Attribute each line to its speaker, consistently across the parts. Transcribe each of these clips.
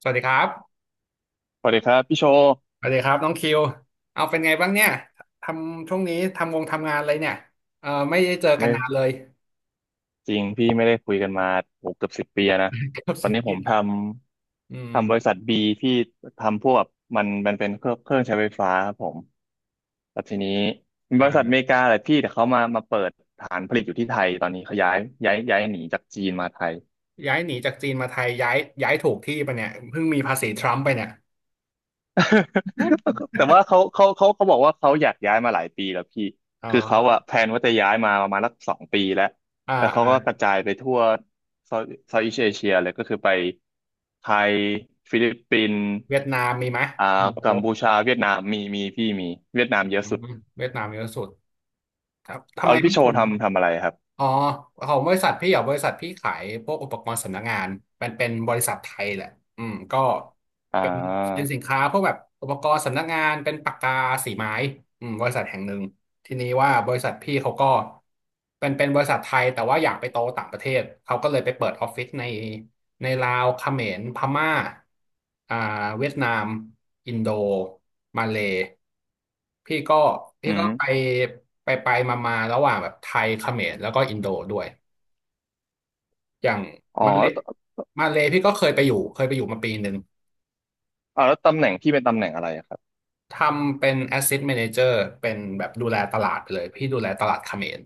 Speaker 1: สวัสดีครับ
Speaker 2: สวัสดีครับพี่โชว์
Speaker 1: สวัสดีครับน้องคิวเอาเป็นไงบ้างเนี่ยทำช่วงนี้ทำงานอะไรเนี่ยเออไม่ได้เจอกัน
Speaker 2: ไม่
Speaker 1: นานเลย
Speaker 2: จริงพี่ไม่ได้คุยกันมาโอ้เกือบสิบปีแล้วนะ
Speaker 1: กับ
Speaker 2: ตอ
Speaker 1: ซี
Speaker 2: นนี้ผ
Speaker 1: รี
Speaker 2: มท
Speaker 1: สิบอื
Speaker 2: ำ
Speaker 1: ม
Speaker 2: ทำบริษัทบีที่ทำพวกแบบมันเป็นเครื่องใช้ไฟฟ้าครับผมแล้วทีนี้เป็นบริษัทอเม
Speaker 1: อ่า
Speaker 2: ริกาแหละพี่แต่เขามาเปิดฐานผลิตอยู่ที่ไทยตอนนี้เขาย้ายหนีจากจีนมาไทย
Speaker 1: ย้ายหนีจากจีนมาไทยย้ายถูกที่ปะเนี่ยเพิ่งมีภาษีทรัมป์ไปเนี่ย
Speaker 2: แต่ว่าเขาบอกว่าเขาอยากย้ายมาหลายปีแล้วพี่
Speaker 1: อ๋อ
Speaker 2: คือเขาอะแพลนว่าจะย้ายมาประมาณสักสองปีแล้ว
Speaker 1: อ่า
Speaker 2: แล้วเขา
Speaker 1: อ่า
Speaker 2: ก็กระจายไปทั่วเซาท์อีสเอเชียเลยก็คือไปไทยฟิลิปปินส์
Speaker 1: เวียดนามมีไหม
Speaker 2: อ่า
Speaker 1: โอ้โห
Speaker 2: กัมพูชาเวียดนามมีพี่มีเวียดนา
Speaker 1: อ
Speaker 2: มเยอะ
Speaker 1: ืม
Speaker 2: สุด
Speaker 1: เวียดนามเยอะสุดครับทำ
Speaker 2: เอา
Speaker 1: ไม
Speaker 2: แล้ว
Speaker 1: เขา
Speaker 2: พี่โช
Speaker 1: ถึ
Speaker 2: ว์
Speaker 1: ง
Speaker 2: ทำอะไรครับ
Speaker 1: อ๋อของบริษัทพี่เหรอบริษัทพี่ขายพวกอุปกรณ์สำนักงานมันเป็นบริษัทไทยแหละอืมก็
Speaker 2: อ่
Speaker 1: เป็นเป็น
Speaker 2: า
Speaker 1: สินค้าพวกแบบอุปกรณ์สำนักงานเป็นปากกาสีไม้อืมบริษัทแห่งหนึ่ง ทีนี้ว่าบริษัทพี่เขาก็เป็นบริษัทไทยแต่ว่าอยากไปโตต่างประเทศเขาก็เลยไปเปิดออฟฟิศในในลาวเขมรพม่าอ่าเวียดนามอินโดมาเลพี่ก็พี่
Speaker 2: อื
Speaker 1: ก็
Speaker 2: ม
Speaker 1: ไปไปไปมามาๆระหว่างแบบไทยเขมรแล้วก็อินโดด้วยอย่าง
Speaker 2: อ๋อ
Speaker 1: มาเล
Speaker 2: แล้วต
Speaker 1: มาเลพี่ก็เคยไปอยู่เคยไปอยู่มาปีหนึ่ง
Speaker 2: เอาแล้วตำแหน่งพี่เป็นตำแหน่งอะไรอะครับ
Speaker 1: ทำเป็น Asset Manager เป็นแบบดูแลตลาดไปเลยพี่ดูแลตลาดเขมร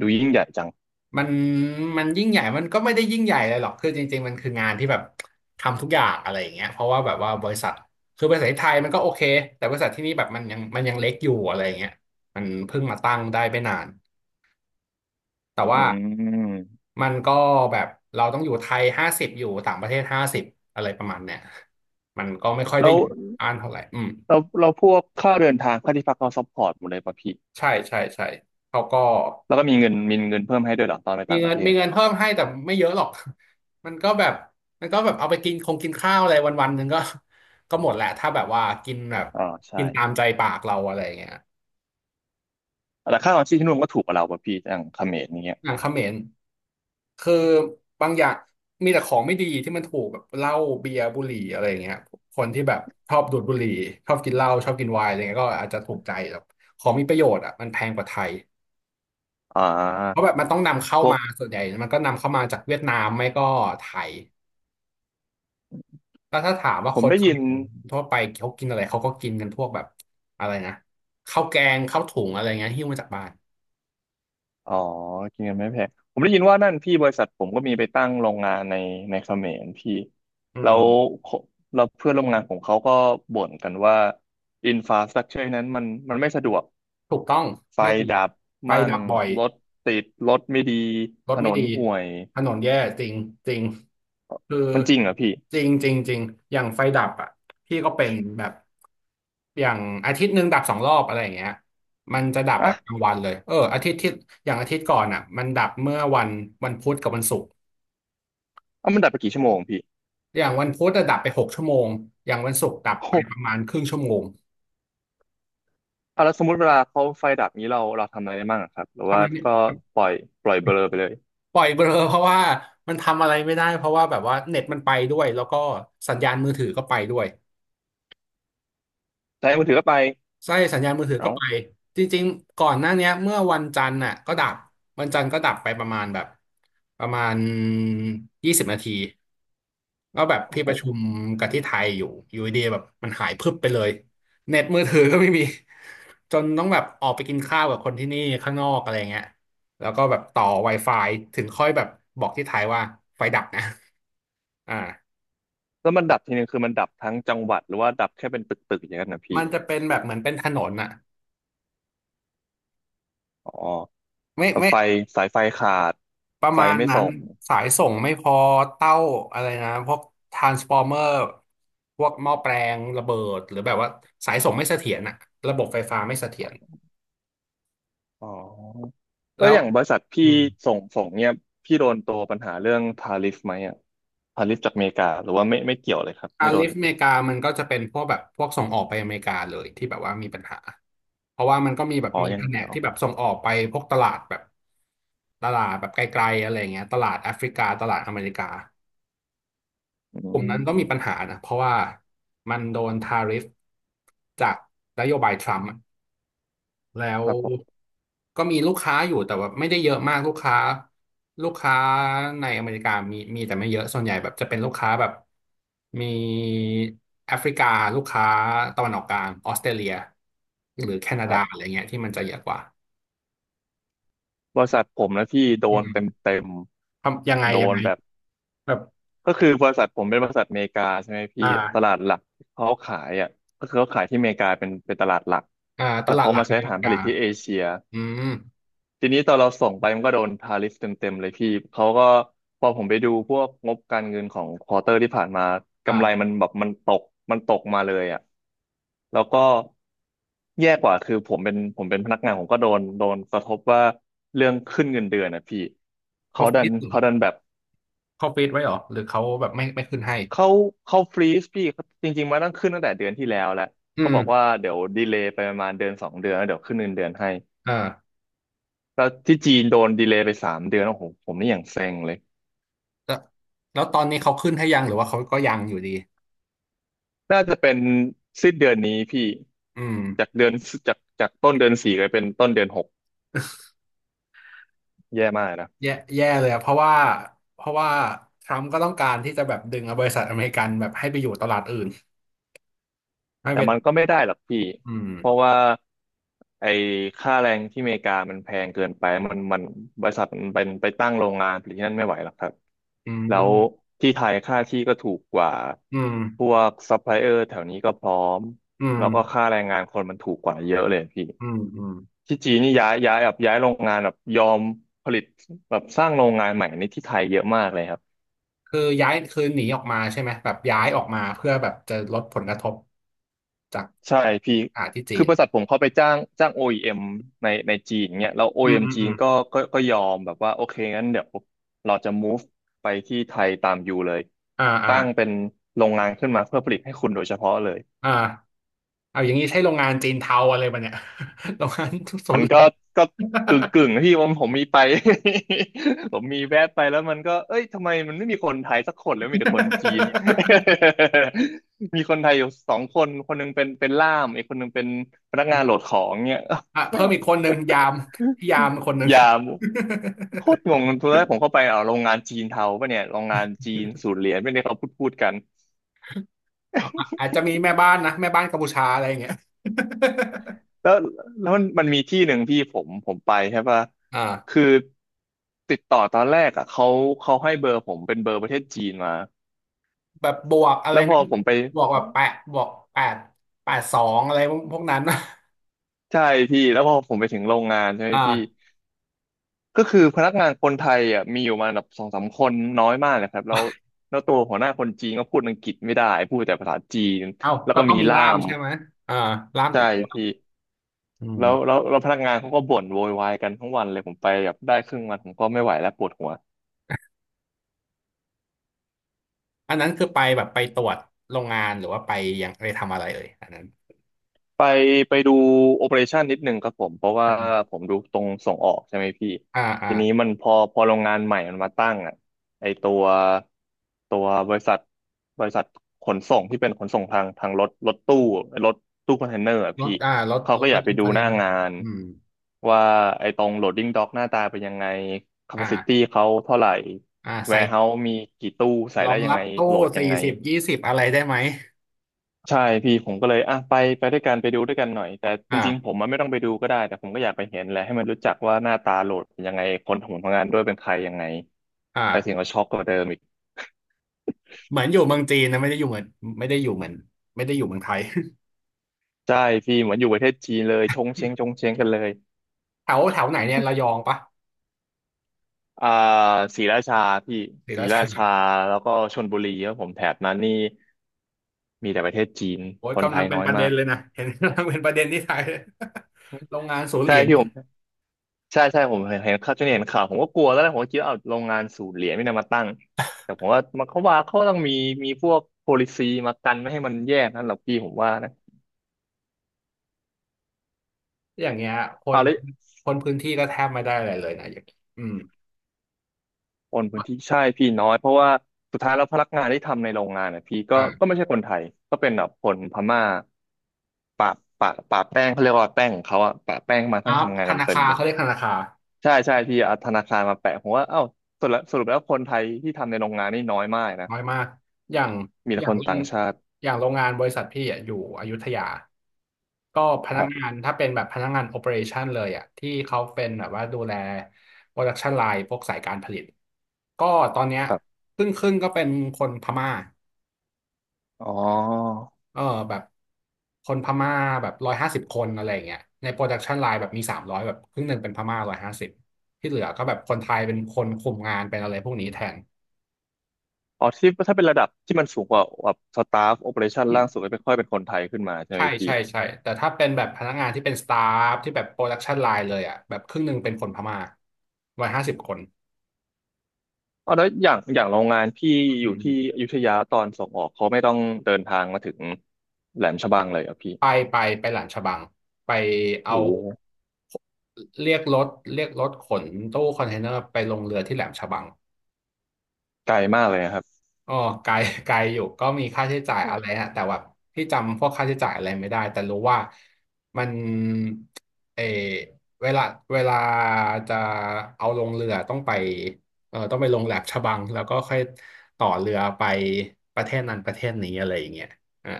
Speaker 2: ดูยิ่งใหญ่จัง
Speaker 1: มันมันยิ่งใหญ่มันก็ไม่ได้ยิ่งใหญ่เลยหรอกคือจริงๆมันคืองานที่แบบทำทุกอย่างอะไรอย่างเงี้ยเพราะว่าแบบว่าบริษัทคือบริษัทที่ไทยมันก็โอเคแต่บริษัทที่นี่แบบมันยังเล็กอยู่อะไรอย่างเงี้ยมันเพิ่งมาตั้งได้ไม่นานแต่
Speaker 2: อื
Speaker 1: ว่า
Speaker 2: ม
Speaker 1: มันก็แบบเราต้องอยู่ไทยห้าสิบอยู่ต่างประเทศห้าสิบอะไรประมาณเนี้ยมันก็ไม่ค่อย
Speaker 2: แล้
Speaker 1: ได้
Speaker 2: ว
Speaker 1: อยู่อ่านเท่าไหร่อืม
Speaker 2: เราพวกค่าเดินทางค่าที่พักเราซัพพอร์ตหมดเลยป่ะพี่
Speaker 1: ใช่ใช่ใช่เขาก็
Speaker 2: แล้วก็มีเงินเพิ่มให้ด้วยเหรอตอนไป
Speaker 1: มี
Speaker 2: ต่างป
Speaker 1: เงิ
Speaker 2: ระ
Speaker 1: น
Speaker 2: เท
Speaker 1: มี
Speaker 2: ศ
Speaker 1: เงินเพิ่มให้แต่ไม่เยอะหรอก มันก็แบบเอาไปกินคงกินข้าวอะไรวันวันหนึ่งก็หมดแหละถ้าแบบว่ากินแบบ
Speaker 2: อ๋อใช่
Speaker 1: กินตามใจปากเราอะไรอย่างเงี้ย
Speaker 2: แต่ค่าครองชีพที่นู่นก็ถูกกว่าเราป่ะพี่อย่างเขมรอย่างเงี้ย
Speaker 1: อย่างเขมรคือบางอย่างมีแต่ของไม่ดีที่มันถูกแบบเหล้าเบียร์บุหรี่อะไรอย่างเงี้ยคนที่แบบชอบดูดบุหรี่ชอบกินเหล้าชอบกินไวน์อะไรเงี้ยก็อาจจะถูกใจแบบของมีประโยชน์อ่ะมันแพงกว่าไทย
Speaker 2: อ่
Speaker 1: เพราะ
Speaker 2: า
Speaker 1: แบบมันต้องนำเข้า
Speaker 2: พวก
Speaker 1: มาส่วนใหญ่มันก็นำเข้ามาจากเวียดนามไม่ก็ไทย แล้วถ้าถามว่า
Speaker 2: ผ
Speaker 1: ค
Speaker 2: ม
Speaker 1: น
Speaker 2: ได้
Speaker 1: เข
Speaker 2: ยิ
Speaker 1: ม
Speaker 2: น
Speaker 1: รทั่วไปเขากินอะไรเขาก็กินกันพวกแบบอะไรนะข้าวแกงข้าวถุงอะไรเงี้ยหิ้วมาจากบ้าน
Speaker 2: อ๋อกินเงินไม่แพงผมได้ยินว่านั่นพี่บริษัทผมก็มีไปตั้งโรงงานในเขมรพี่
Speaker 1: อื
Speaker 2: แล้
Speaker 1: ม
Speaker 2: วเราเพื่อนร่วมงานของเขาก็บ่นกันว่าอินฟาสตรักเจอร์นั้นมันไม่สะดวก
Speaker 1: ถูกต้อง
Speaker 2: ไฟ
Speaker 1: ไม่ดี
Speaker 2: ดับ
Speaker 1: ไฟ
Speaker 2: มั่ง
Speaker 1: ดับบ่อย
Speaker 2: รถติดรถไม่ดี
Speaker 1: ร
Speaker 2: ถ
Speaker 1: ถ
Speaker 2: น
Speaker 1: ไม่
Speaker 2: น
Speaker 1: ดี
Speaker 2: ห่วย
Speaker 1: ถนนแย่จริงจริงคือ
Speaker 2: มันจริงเหรอพี่
Speaker 1: จริงจริงจริงอย่างไฟดับอ่ะพี่ก็เป็นแบบอย่างอาทิตย์หนึ่งดับสองรอบอะไรอย่างเงี้ยมันจะดับแบบกลา
Speaker 2: อ่ะ
Speaker 1: งวันเลยเอออาทิตย์ที่อย่างอาทิตย์ก่อนอ่ะมันดับเมื่อวันวันพุธกับวันศุกร์
Speaker 2: อ่ะมันดับไปกี่ชั่วโมงพี่
Speaker 1: อย่างวันพุธอะดับไป6 ชั่วโมง อย่างวันศุกร์ดับ
Speaker 2: โอ้
Speaker 1: ไป
Speaker 2: โห
Speaker 1: ประมาณครึ่งชั่วโมง
Speaker 2: อ่ะแล้วสมมติเวลาเขาไฟดับนี้เราทำอะไรได้บ้างอะครับหรือ
Speaker 1: ทำอะ
Speaker 2: ว่า
Speaker 1: ไรเนี่ย
Speaker 2: ก็ปล่อยปล่อยเบลอไปเลย
Speaker 1: ปล่อยเบลอ เพราะว่ามันทำอะไรไม่ได้เพราะว่าแบบว่าเน็ตมันไปด้วยแล้วก็สัญญาณมือถือก็ไปด้วย
Speaker 2: ใช้มือถือก็ไป
Speaker 1: ไส้สัญญาณมือถือก็
Speaker 2: เอ้า
Speaker 1: ไปจริงๆก่อนหน้าเนี้ยเมื่อวันจันทร์น่ะก็ดับวันจันทร์ก็ดับไปประมาณแบบประมาณ20 นาทีก็แบบ
Speaker 2: โอ้
Speaker 1: พี่
Speaker 2: โห
Speaker 1: ประชุมกับที่ไทยอยู่อยู่ดีๆแบบมันหายพรึบไปเลยเน็ตมือถือก็ไม่มีจนต้องแบบออกไปกินข้าวกับคนที่นี่ข้างนอกอะไรเงี้ยแล้วก็แบบต่อ Wi-Fi ถึงค่อยแบบบอกที่ไทยว่าไฟดับนะอ่า
Speaker 2: แล้วมันดับทีนึงคือมันดับทั้งจังหวัดหรือว่าดับแค่เป็นตึกๆอย่างนั้นนะพี่
Speaker 1: มันจะเป็นแบบเหมือนเป็นถนนอะ
Speaker 2: อ๋อ
Speaker 1: ไม่
Speaker 2: แบบ
Speaker 1: ไม่
Speaker 2: ไฟสายไฟขาด
Speaker 1: ประ
Speaker 2: ไฟ
Speaker 1: มาณ
Speaker 2: ไม่
Speaker 1: นั้
Speaker 2: ส่
Speaker 1: น
Speaker 2: ง
Speaker 1: สายส่งไม่พอเต้าอะไรนะพวกทรานสฟอร์เมอร์พวกหม้อแปลงระเบิดหรือแบบว่าสายส่งไม่เสถียรอะระบบไฟฟ้าไม่เสถียร
Speaker 2: อ๋อแล้
Speaker 1: แล้ว
Speaker 2: อย่างบริษัทพี่
Speaker 1: อืม
Speaker 2: ส่งเนี่ยพี่โดนตัวปัญหาเรื่องทาริฟไหมอ่ะทาริฟจากอเมริกาหรือว่าไม่เกี่ยวเลยครับ
Speaker 1: อา
Speaker 2: ไม่โด
Speaker 1: ลิ
Speaker 2: น
Speaker 1: ฟอเมริกามันก็จะเป็นพวกแบบพวกส่งออกไปอเมริกาเลยที่แบบว่ามีปัญหาเพราะว่ามันก็มีแบบ
Speaker 2: อ๋อ
Speaker 1: มี
Speaker 2: อย่า
Speaker 1: แผ
Speaker 2: ง
Speaker 1: น
Speaker 2: เดีย
Speaker 1: ก
Speaker 2: ว
Speaker 1: ที่แบบส่งออกไปพวกตลาดแบบตลาดแบบไกลๆอะไรเงี้ยตลาดแอฟริกาตลาดอเมริกา
Speaker 2: อื
Speaker 1: กลุ่มนั้นก็มีปัญ
Speaker 2: ม
Speaker 1: หานะเพราะว่ามันโดนทาริฟจากนโยบายทรัมป์อะ แล้ว
Speaker 2: ครับผม
Speaker 1: ก็มีลูกค้าอยู่แต่ว่าไม่ได้เยอะมากลูกค้าลูกค้าในอเมริกามีแต่ไม่เยอะส่วนใหญ่แบบจะเป็นลูกค้าแบบมีแอฟริกาลูกค้าตะวันออกกลางออสเตรเลียหรือแคนา
Speaker 2: ค
Speaker 1: ดา
Speaker 2: รั
Speaker 1: อะ
Speaker 2: บ
Speaker 1: ไรเงี้ยที่มันจะเยอะกว่า
Speaker 2: บริษัทผมนะพี่โด
Speaker 1: อื
Speaker 2: นเต็ม
Speaker 1: ม
Speaker 2: เต็ม
Speaker 1: ทำยังไง
Speaker 2: โด
Speaker 1: ยัง
Speaker 2: น
Speaker 1: ไง
Speaker 2: แบบ
Speaker 1: แบบ
Speaker 2: ก็คือบริษัทผมเป็นบริษัทอเมริกาใช่ไหม
Speaker 1: อ
Speaker 2: พี่ตลา
Speaker 1: ่า
Speaker 2: ดหลักเขาขายอ่ะก็คือเขาขายที่อเมริกาเป็นตลาดหลัก
Speaker 1: อ่าต
Speaker 2: แล้ว
Speaker 1: ลาด
Speaker 2: เขา
Speaker 1: หลัก
Speaker 2: มา
Speaker 1: ใน
Speaker 2: ใช้
Speaker 1: อเม
Speaker 2: ฐาน
Speaker 1: ริ
Speaker 2: ผ
Speaker 1: กา
Speaker 2: ลิตที่เอเชีย
Speaker 1: อืม
Speaker 2: ทีนี้ตอนเราส่งไปมันก็โดนทาริฟเต็มๆเลยพี่เขาก็พอผมไปดูพวกงบการเงินของควอเตอร์ที่ผ่านมากำไร
Speaker 1: อ่า
Speaker 2: มันแบบมันตกมันตกมาเลยอ่ะแล้วก็แย่กว่าคือผมเป็นพนักงานผมก็โดนกระทบว่าเรื่องขึ้นเงินเดือนนะพี่
Speaker 1: เขา
Speaker 2: เขาดั
Speaker 1: ฟี
Speaker 2: น
Speaker 1: ดหรือ
Speaker 2: เขาดันแบบ
Speaker 1: เขาฟีดไว้เหรอหรือเขาแบบไม่ขึ้นให้
Speaker 2: เขาเขาฟรีซพี่จริงๆมันต้องขึ้นตั้งแต่เดือนที่แล้วแหละ
Speaker 1: อื
Speaker 2: เขาบอกว่า
Speaker 1: ม
Speaker 2: เดี๋ยวดีเลย์ไปประมาณเดือนสองเดือนแล้วเดี๋ยวขึ้นเงินเดือนให้
Speaker 1: เออ
Speaker 2: แล้วที่จีนโดนดีเลย์ไปสามเดือนโอ้โหผมนี่อย่างเซ็งเลย
Speaker 1: แล้วแล้วตอนนี้เขาขึ้นให้ยังหรือว่าเขาก็ยังอยู่ดี
Speaker 2: น่าจะเป็นสิ้นเดือนนี้พี่
Speaker 1: อืม
Speaker 2: จากเดือนจากต้นเดือนสี่ไปเป็นต้นเดือนหก แย่มากนะ
Speaker 1: แย่เลยอะเพราะว่าทรัมป์ก็ต้องการที่จะแบบดึงเอาบริษัทอเมริกันแบบให้ไปอยู่ตลาดอื่นไม่
Speaker 2: แต่
Speaker 1: เปน
Speaker 2: มันก็ไม่ได้หรอกพี่
Speaker 1: อืม
Speaker 2: เพราะว่าไอ้ค่าแรงที่อเมริกามันแพงเกินไปมันบริษัทมันเป็นไปตั้งโรงงานผลิตที่นั่นไม่ไหวหรอกครับ
Speaker 1: อื
Speaker 2: แล้ว
Speaker 1: ม
Speaker 2: ที่ไทยค่าที่ก็ถูกกว่า
Speaker 1: อืม
Speaker 2: พวกซัพพลายเออร์แถวนี้ก็พร้อม
Speaker 1: อืม
Speaker 2: แล้วก็ค่าแรงงานคนมันถูกกว่าเยอะเลยพี่
Speaker 1: อืมอืม
Speaker 2: ที่จีนนี่ย้ายแบบย้ายโรงงานแบบยอมผลิตแบบสร้างโรงงานใหม่ในที่ไทยเยอะมากเลยครับ
Speaker 1: คือย้ายคือหนีออกมาใช่ไหมแบบย้ายออกมาเพื่อแบบจะลดผลกระทบจาก
Speaker 2: ใช่พี่
Speaker 1: ที่จี
Speaker 2: คือ
Speaker 1: น
Speaker 2: บริษัทผมเขาไปจ้าง OEM ในจีนเนี่ยแล้ว
Speaker 1: อืม
Speaker 2: OEM
Speaker 1: อืม
Speaker 2: จี
Speaker 1: อื
Speaker 2: น
Speaker 1: ม
Speaker 2: ก็ยอมแบบว่าโอเคงั้นเดี๋ยวเราจะ move ไปที่ไทยตามอยู่เลย
Speaker 1: อ่าอ่า
Speaker 2: ตั้งเป็นโรงงานขึ้นมาเพื่อผลิตให้คุณโดยเฉพาะเลย
Speaker 1: อ่าเอาอย่างนี้ใช่โรงงานจีนเทาอะไรปะเนี่ย โรงงาน ทุกโซ
Speaker 2: มั
Speaker 1: น
Speaker 2: น
Speaker 1: เหรี
Speaker 2: ก็
Speaker 1: ยญ
Speaker 2: ก็กึ่งที่ผมมีไป ผมมีแวะไปแล้วมันก็เอ้ยทำไมมันไม่มีคนไทยสักคนแล้วมีแต่คนจีน มีคนไทยอยู่สองคนคนหนึงเป็นล่ามอีกคนหนึงเป็นพนักงานโหลดของเนี่ย
Speaker 1: อ่ะ เพิ่
Speaker 2: แม่
Speaker 1: ม
Speaker 2: ง
Speaker 1: อีกคนหนึ่งยามพี่ยามคนหนึ่ง
Speaker 2: อย่าโคตรงงตอนแรกผมเข้าไปเอาโรงงานจีนเทาปะเนี่ยโรงงานจีนสู ตรเหรียญไม่ได้เขาพูดกัน
Speaker 1: อะอาจจะมีแม่บ้านนะแม่บ้านกัมพูชาอะไรอย่างเงี้ย
Speaker 2: แล้วแล้วมันมีที่หนึ่งพี่ผมไปใช่ปะ
Speaker 1: อ่า
Speaker 2: คือติดต่อตอนแรกอ่ะเขาเขาให้เบอร์ผมเป็นเบอร์ประเทศจีนมา
Speaker 1: แบบบวกอะไร
Speaker 2: แล้วพอ
Speaker 1: นะ
Speaker 2: ผมไป
Speaker 1: บวกแบบแปดบวกแปดแปดสองอะไรพวกนั้น
Speaker 2: ใช่พี่แล้วพอผมไปถึงโรงงานใช่ไหมพี่
Speaker 1: อ่า
Speaker 2: ก็คือพนักงานคนไทยอ่ะมีอยู่มาแบบสองสามคนน้อยมากเลยครับแล้วตัวหัวหน้าคนจีนก็พูดอังกฤษไม่ได้พูดแต่ภาษาจีน
Speaker 1: เอ้า
Speaker 2: แล้ว
Speaker 1: ก็
Speaker 2: ก็
Speaker 1: ต้อง
Speaker 2: มี
Speaker 1: มี
Speaker 2: ล่า
Speaker 1: ล่าม
Speaker 2: ม
Speaker 1: ใช่ไหมอ่าล่าม
Speaker 2: ใช่
Speaker 1: ติดตัว
Speaker 2: พี่
Speaker 1: อื
Speaker 2: แล้ว
Speaker 1: ม
Speaker 2: แล้วแล้วพนักงานเขาก็บ่นโวยวายกันทั้งวันเลยผมไปแบบได้ครึ่งวันผมก็ไม่ไหวแล้วปวดหัว
Speaker 1: อันนั้นคือไปแบบไปตรวจโรงงานหรือว่าไปยังไปทำอะไรเอ่ยอันนั้น
Speaker 2: ไปไปดูโอเปอเรชันนิดหนึ่งครับผมเพราะว่า
Speaker 1: อืม
Speaker 2: ผมดูตรงส่งออกใช่ไหมพี่
Speaker 1: อ่าอ่า
Speaker 2: ทีนี้มันพอโรงงานใหม่มันมาตั้งอ่ะไอตัวตัวบริษัทบริษัทขนส่งที่เป็นขนส่งทางรถตู้รถตู้คอนเทนเนอร์อ่ะ
Speaker 1: ร
Speaker 2: พี่
Speaker 1: ถ
Speaker 2: เขา
Speaker 1: ร
Speaker 2: ก็
Speaker 1: ถ
Speaker 2: อ
Speaker 1: บร
Speaker 2: ยาก
Speaker 1: ร
Speaker 2: ไป
Speaker 1: ทุก
Speaker 2: ดู
Speaker 1: คอนเท
Speaker 2: ห
Speaker 1: น
Speaker 2: น้า
Speaker 1: เนอร์
Speaker 2: งาน
Speaker 1: อืม
Speaker 2: ว่าไอตรงโหลดดิ้งด็อกหน้าตาเป็นยังไงแคปซิตี้
Speaker 1: อ่า
Speaker 2: เขาเท่าไหร่
Speaker 1: อ่า
Speaker 2: แว
Speaker 1: ใส่
Speaker 2: ร์เฮาส์มีกี่ตู้ใส่
Speaker 1: รอ
Speaker 2: ได้
Speaker 1: ง
Speaker 2: ยั
Speaker 1: รั
Speaker 2: ง
Speaker 1: บ
Speaker 2: ไง
Speaker 1: ตู้
Speaker 2: โหลดยั
Speaker 1: สี่
Speaker 2: งไง
Speaker 1: สิบยี่สิบอะไรได้ไหม
Speaker 2: ใช่พี่ผมก็เลยอ่ะไปไปด้วยกันไปดูด้วยกันหน่อยแต่จริงๆผ
Speaker 1: อ่า
Speaker 2: มมันไม่ต้องไปดูก็ได้แต่ผมก็อยากไปเห็นแหละให้มันรู้จักว่าหน้าตาโหลดเป็นยังไงคนทำผลงานด้วยเป็นใครยังไง
Speaker 1: อ่า
Speaker 2: ไปถึงก็ช็อกกว่าเดิมอีก
Speaker 1: เหมือนอยู่เมืองจีนนะไม่ได้อยู่เหมือนไม่ได้อยู่เหมือนไม่ได้อยู่เมืองไทย
Speaker 2: ใช่พี่เหมือนอยู่ประเทศจีนเลยชงเชงชงเชงกันเลย
Speaker 1: แถวแถวไหนเนี่ยระยองปะ
Speaker 2: อ่าศรีราชาพี่
Speaker 1: ศรี
Speaker 2: ศรี
Speaker 1: รา
Speaker 2: รา
Speaker 1: ชา
Speaker 2: ชาแล้วก็ชลบุรีครับผมแถบนั้นนี่มีแต่ประเทศจีน
Speaker 1: โอ้ย
Speaker 2: คนไท
Speaker 1: กำลัง
Speaker 2: ย
Speaker 1: เป็น
Speaker 2: น้อย
Speaker 1: ประ
Speaker 2: มา
Speaker 1: เด็น
Speaker 2: ก
Speaker 1: เลยนะเห็นกำลังเป็นประเด็นที่ไทย โรงงานศูนย์เห
Speaker 2: ใช่
Speaker 1: รียญ
Speaker 2: พี่ผม ใช่ผมเห็นข่าวจนเห็นข่าวผมก็กลัวแล้วนะผมก็คิดว่าเอาโรงงานสูบเหรียญไม่นำมาตั้งแต่ผมว่ามันเขาว่าเขาต้องมีมีพวก policy มากันไม่ให้มันแยกนั่นหรอกพี่ผมว่านะ
Speaker 1: อย่างเงี้ยค
Speaker 2: เอา
Speaker 1: น
Speaker 2: แล้ว
Speaker 1: คนพื้นที่ก็แทบไม่ได้อะไรเลยนะอย่างนี้อืม
Speaker 2: โอนพื้นที่ใช่พี่น้อยเพราะว่าสุดท้ายแล้วพนักงานที่ทำในโรงงานนะพี่ก็ก็
Speaker 1: อ่า
Speaker 2: ไม่ใช่คนไทยก็เป็นแบบคนพม่าปะปะแป้งเขาเรียกว่าแป้งของเขาอะปะแป้งมา
Speaker 1: อั
Speaker 2: ทั้ง
Speaker 1: พ
Speaker 2: ทำงาน
Speaker 1: ธ
Speaker 2: กัน
Speaker 1: นา
Speaker 2: เต็
Speaker 1: คา
Speaker 2: ม
Speaker 1: ร
Speaker 2: เลย
Speaker 1: เขาเรียกธนาคาร
Speaker 2: ใช่พี่เอาธนาคารมาแปะผมว่าเอ้าสรุปแล้วคนไทยที่ทำในโรงงานนี่น้อยมากนะ
Speaker 1: น้อยมาก อย่าง
Speaker 2: มี
Speaker 1: อ
Speaker 2: แต่
Speaker 1: ย่า
Speaker 2: ค
Speaker 1: ง
Speaker 2: น
Speaker 1: โร
Speaker 2: ต่าง
Speaker 1: ง
Speaker 2: ชาติ
Speaker 1: อย่างโรงงานบริษัทพี่อ่ะอยู่อยุธยา ก็พ
Speaker 2: ค
Speaker 1: นัก
Speaker 2: รั
Speaker 1: งา
Speaker 2: บ
Speaker 1: นถ้าเป็นแบบพนักงานโอ e r a t i o n เลยอ่ะที่เขาเป็นแบบว่าดูแล production line พวกสายการผลิต ก็ตอนเนี้ยครึ่งก็เป็นคนพม่า
Speaker 2: อ๋อ
Speaker 1: เออแบบคนพม่าแบบร้อยห้าสิบคนอะไรอย่างเงี้ยใน production line แบบมี300แบบครึ่งหนึ่งเป็นพม่าร้อยห้าสิบที่เหลือก็แบบคนไทยเป็นคนคุมงานเป็นอะไรพวกนี้แทน
Speaker 2: อ๋อที่ถ้าเป็นระดับที่มันสูงกว่าแบบสตาฟโอเปอเรชั่นล่างสุดก็ไม่ค่อยเป็นคนไทยขึ้นมาใช่ไหม
Speaker 1: ใช่
Speaker 2: พี่
Speaker 1: ใช่ใช่ แต่ถ้าเป็นแบบพนักงานที่เป็นสตาฟที่แบบโปรดักชันไลน์เลยอ่ะแบบครึ่งหนึ่งเป็นคนพม่าประมาณห้าสิบคน
Speaker 2: อ๋อแล้วอย่างโรงงานพี่อยู่
Speaker 1: อื
Speaker 2: ที่
Speaker 1: ม
Speaker 2: อยุธยาตอนส่งออกเขาไม่ต้องเดินทางมาถึงแหลมฉบังเลยเหรอ่ะพี่
Speaker 1: ไปไปไปหลานฉบัง ไปเอา
Speaker 2: โอ้โห
Speaker 1: เรียกรถเรียกรถขนตู้คอนเทนเนอร์ไปลงเรือที่แหลมฉบัง
Speaker 2: ไกลมากเลยนะครับ
Speaker 1: อ๋อไกล ไกลอยู่ก็มีค่าใช้จ่าย
Speaker 2: โอ้
Speaker 1: อะไรฮะแต่ว่าพี่จำพวกค่าใช้จ่ายอะไรไม่ได้แต่รู้ว่ามันเออเวลาเวลาจะเอาลงเรือต้องไปเออต้องไปลงแหลมฉบังแล้วก็ค่อยต่อเรือไปประเทศนั้นประเทศนี้อะไรอย่างเงี้ยอ่า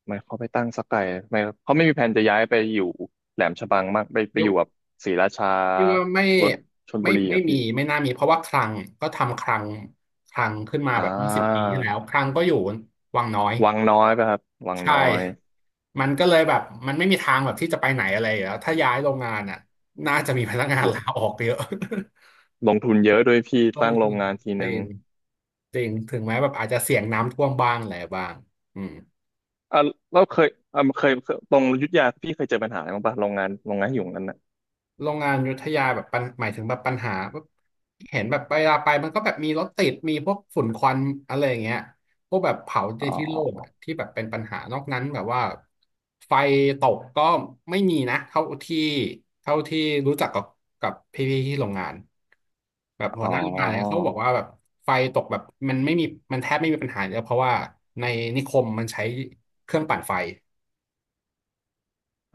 Speaker 2: ทำไมเขาไปตั้งสักไกลทำไมเขาไม่มีแผนจะย้ายไปอยู่แหลมฉบังมากไปไป
Speaker 1: พี
Speaker 2: อยู่แบบ
Speaker 1: ่
Speaker 2: ศรีราชา
Speaker 1: พี่ว่า
Speaker 2: รถชลบุรี
Speaker 1: ไม่
Speaker 2: อ่ะ
Speaker 1: มี
Speaker 2: พี่
Speaker 1: ไม่น่ามีเพราะว่าคลังก็ทำคลังขึ้นมา
Speaker 2: อ่า
Speaker 1: แบบยี่สิบปีที่แล้วคลังก็อยู่วังน้อย
Speaker 2: วังน้อยป่ะครับวัง
Speaker 1: ใช่
Speaker 2: น้อย
Speaker 1: มันก็เลยแบบมันไม่มีทางแบบที่จะไปไหนอะไรอยู่แล้วถ้าย้ายโรงงานอ่ะน่าจะมีพนักงา
Speaker 2: ล
Speaker 1: น
Speaker 2: ง
Speaker 1: ลาออกเยอะ
Speaker 2: ลงทุนเยอะด้วยพี่
Speaker 1: ลง
Speaker 2: ตั้งโร
Speaker 1: ทุ
Speaker 2: ง
Speaker 1: น
Speaker 2: งานที
Speaker 1: จ
Speaker 2: นึ
Speaker 1: ริ
Speaker 2: ง
Speaker 1: งจริงถึงแม้แบบอาจจะเสี่ยงน้ำท่วมบ้างอะไรบ้างอืม
Speaker 2: อ่ะเราเคยอ่ะเคยตรงอยุธยาพี่เคยเจอปัญหาอะไรบ้างปะโรงงานที่อยู่ตรงนั้นน่ะ
Speaker 1: โรงงานอยุธยาแบบปัญหมายถึงแบบปัญหาแบบเห็นแบบเวลาไปมันก็แบบมีรถติดมีพวกฝุ่นควันอะไรอย่างเงี้ยพวกแบบเผาใน
Speaker 2: อ๋อ
Speaker 1: ที่โล่งอะที่แบบเป็นปัญหานอกนั้นแบบว่าไฟตกก็ไม่มีนะเท่าที่รู้จักกับพี่ๆที่โรงงานแบบหั
Speaker 2: อ๋
Speaker 1: ว
Speaker 2: อ
Speaker 1: หน้าโรงงานเนี่ยเขาบอกว่าแบบไฟตกแบบมันไม่มีมันแทบไม่มีปัญหาเลยเพราะว่าในนิคมมันใช้เครื่องปั่นไฟ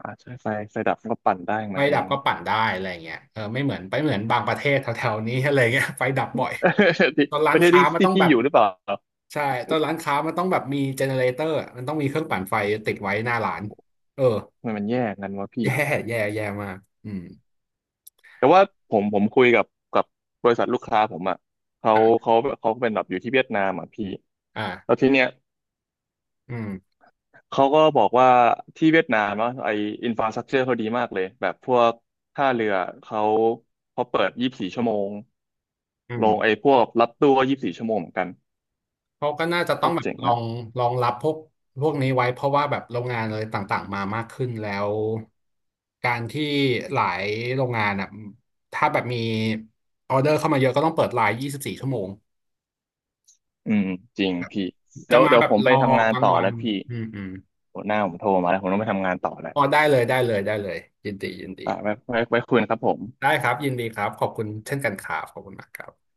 Speaker 2: อ่าใช่ไฟไฟดับมันก็ปั่นได้ของ
Speaker 1: ไฟ
Speaker 2: มันเอ
Speaker 1: ดับ
Speaker 2: ง
Speaker 1: ก็ปั่นได้อะไรเงี้ยเออไม่เหมือนไปเหมือนบางประเทศแถวๆนี้ อะไรเงี้ยไฟดับบ่อย
Speaker 2: ที่
Speaker 1: ตอน
Speaker 2: ป
Speaker 1: ร้าน
Speaker 2: ระเทศ
Speaker 1: ค้า
Speaker 2: ที่
Speaker 1: มัน
Speaker 2: ที่
Speaker 1: ต้อง
Speaker 2: พี่
Speaker 1: แบบ
Speaker 2: อยู่หรือเปล่า
Speaker 1: ใช่ตอนร้านค้ามันต้องแบบมีเจเนเรเตอร์มันต้องมีเครื่องปั่นไฟติดไว้หน้าร้านเออ
Speaker 2: มันแย่กันวะพี่
Speaker 1: แย่แย่แย่มากอืม
Speaker 2: แต่ว่าผมคุยกับกับบริษัทลูกค้าผมอ่ะเขาเขาเขาเป็นแบบอยู่ที่เวียดนามอ่ะพี่แล้ว
Speaker 1: อ่า
Speaker 2: ทีเนี้ย
Speaker 1: อืม
Speaker 2: เขาก็บอกว่าที่เวียดนามอะไออินฟราสตรักเจอร์เขาดีมากเลยแบบพวกท่าเรือเขาเขาเปิดยี่สิบสี่ชั่วโมง
Speaker 1: อืม
Speaker 2: ลงไอพวกรับตู้ก็ยี่สิบสี่ชั่วโมงเหมือนกัน
Speaker 1: เขาก็น่าจะ
Speaker 2: โค
Speaker 1: ต้อง
Speaker 2: ตร
Speaker 1: แบบ
Speaker 2: เจ๋ง
Speaker 1: ลอ
Speaker 2: อ่ะ
Speaker 1: งลองรับพวกนี้ไว้เพราะว่าแบบโรงงานอะไรต่างๆมามากขึ้นแล้วการที่หลายโรงงานอ่ะถ้าแบบมีออเดอร์เข้ามาเยอะก็ต้องเปิดไลน์24ชั่วโมง
Speaker 2: อืมจริงพี่
Speaker 1: จะ
Speaker 2: เดี๋ยว
Speaker 1: มา
Speaker 2: เดี๋ย
Speaker 1: แบ
Speaker 2: ว
Speaker 1: บ
Speaker 2: ผม
Speaker 1: ร
Speaker 2: ไป
Speaker 1: อ
Speaker 2: ทำงาน
Speaker 1: กลาง
Speaker 2: ต่อ
Speaker 1: วั
Speaker 2: แล้
Speaker 1: น
Speaker 2: วพี่
Speaker 1: อืมอืม
Speaker 2: หัวหน้าผมโทรมาแล้วผมต้องไปทำงานต่อแล้ว
Speaker 1: อ๋อได้เลยได้เลยได้เลยยินดียินดี
Speaker 2: อ่าไว้ไว้คุยนะครับผม
Speaker 1: ได้ครับยินดีครับขอบคุณเช่นกันครับขอบคุณมากครับ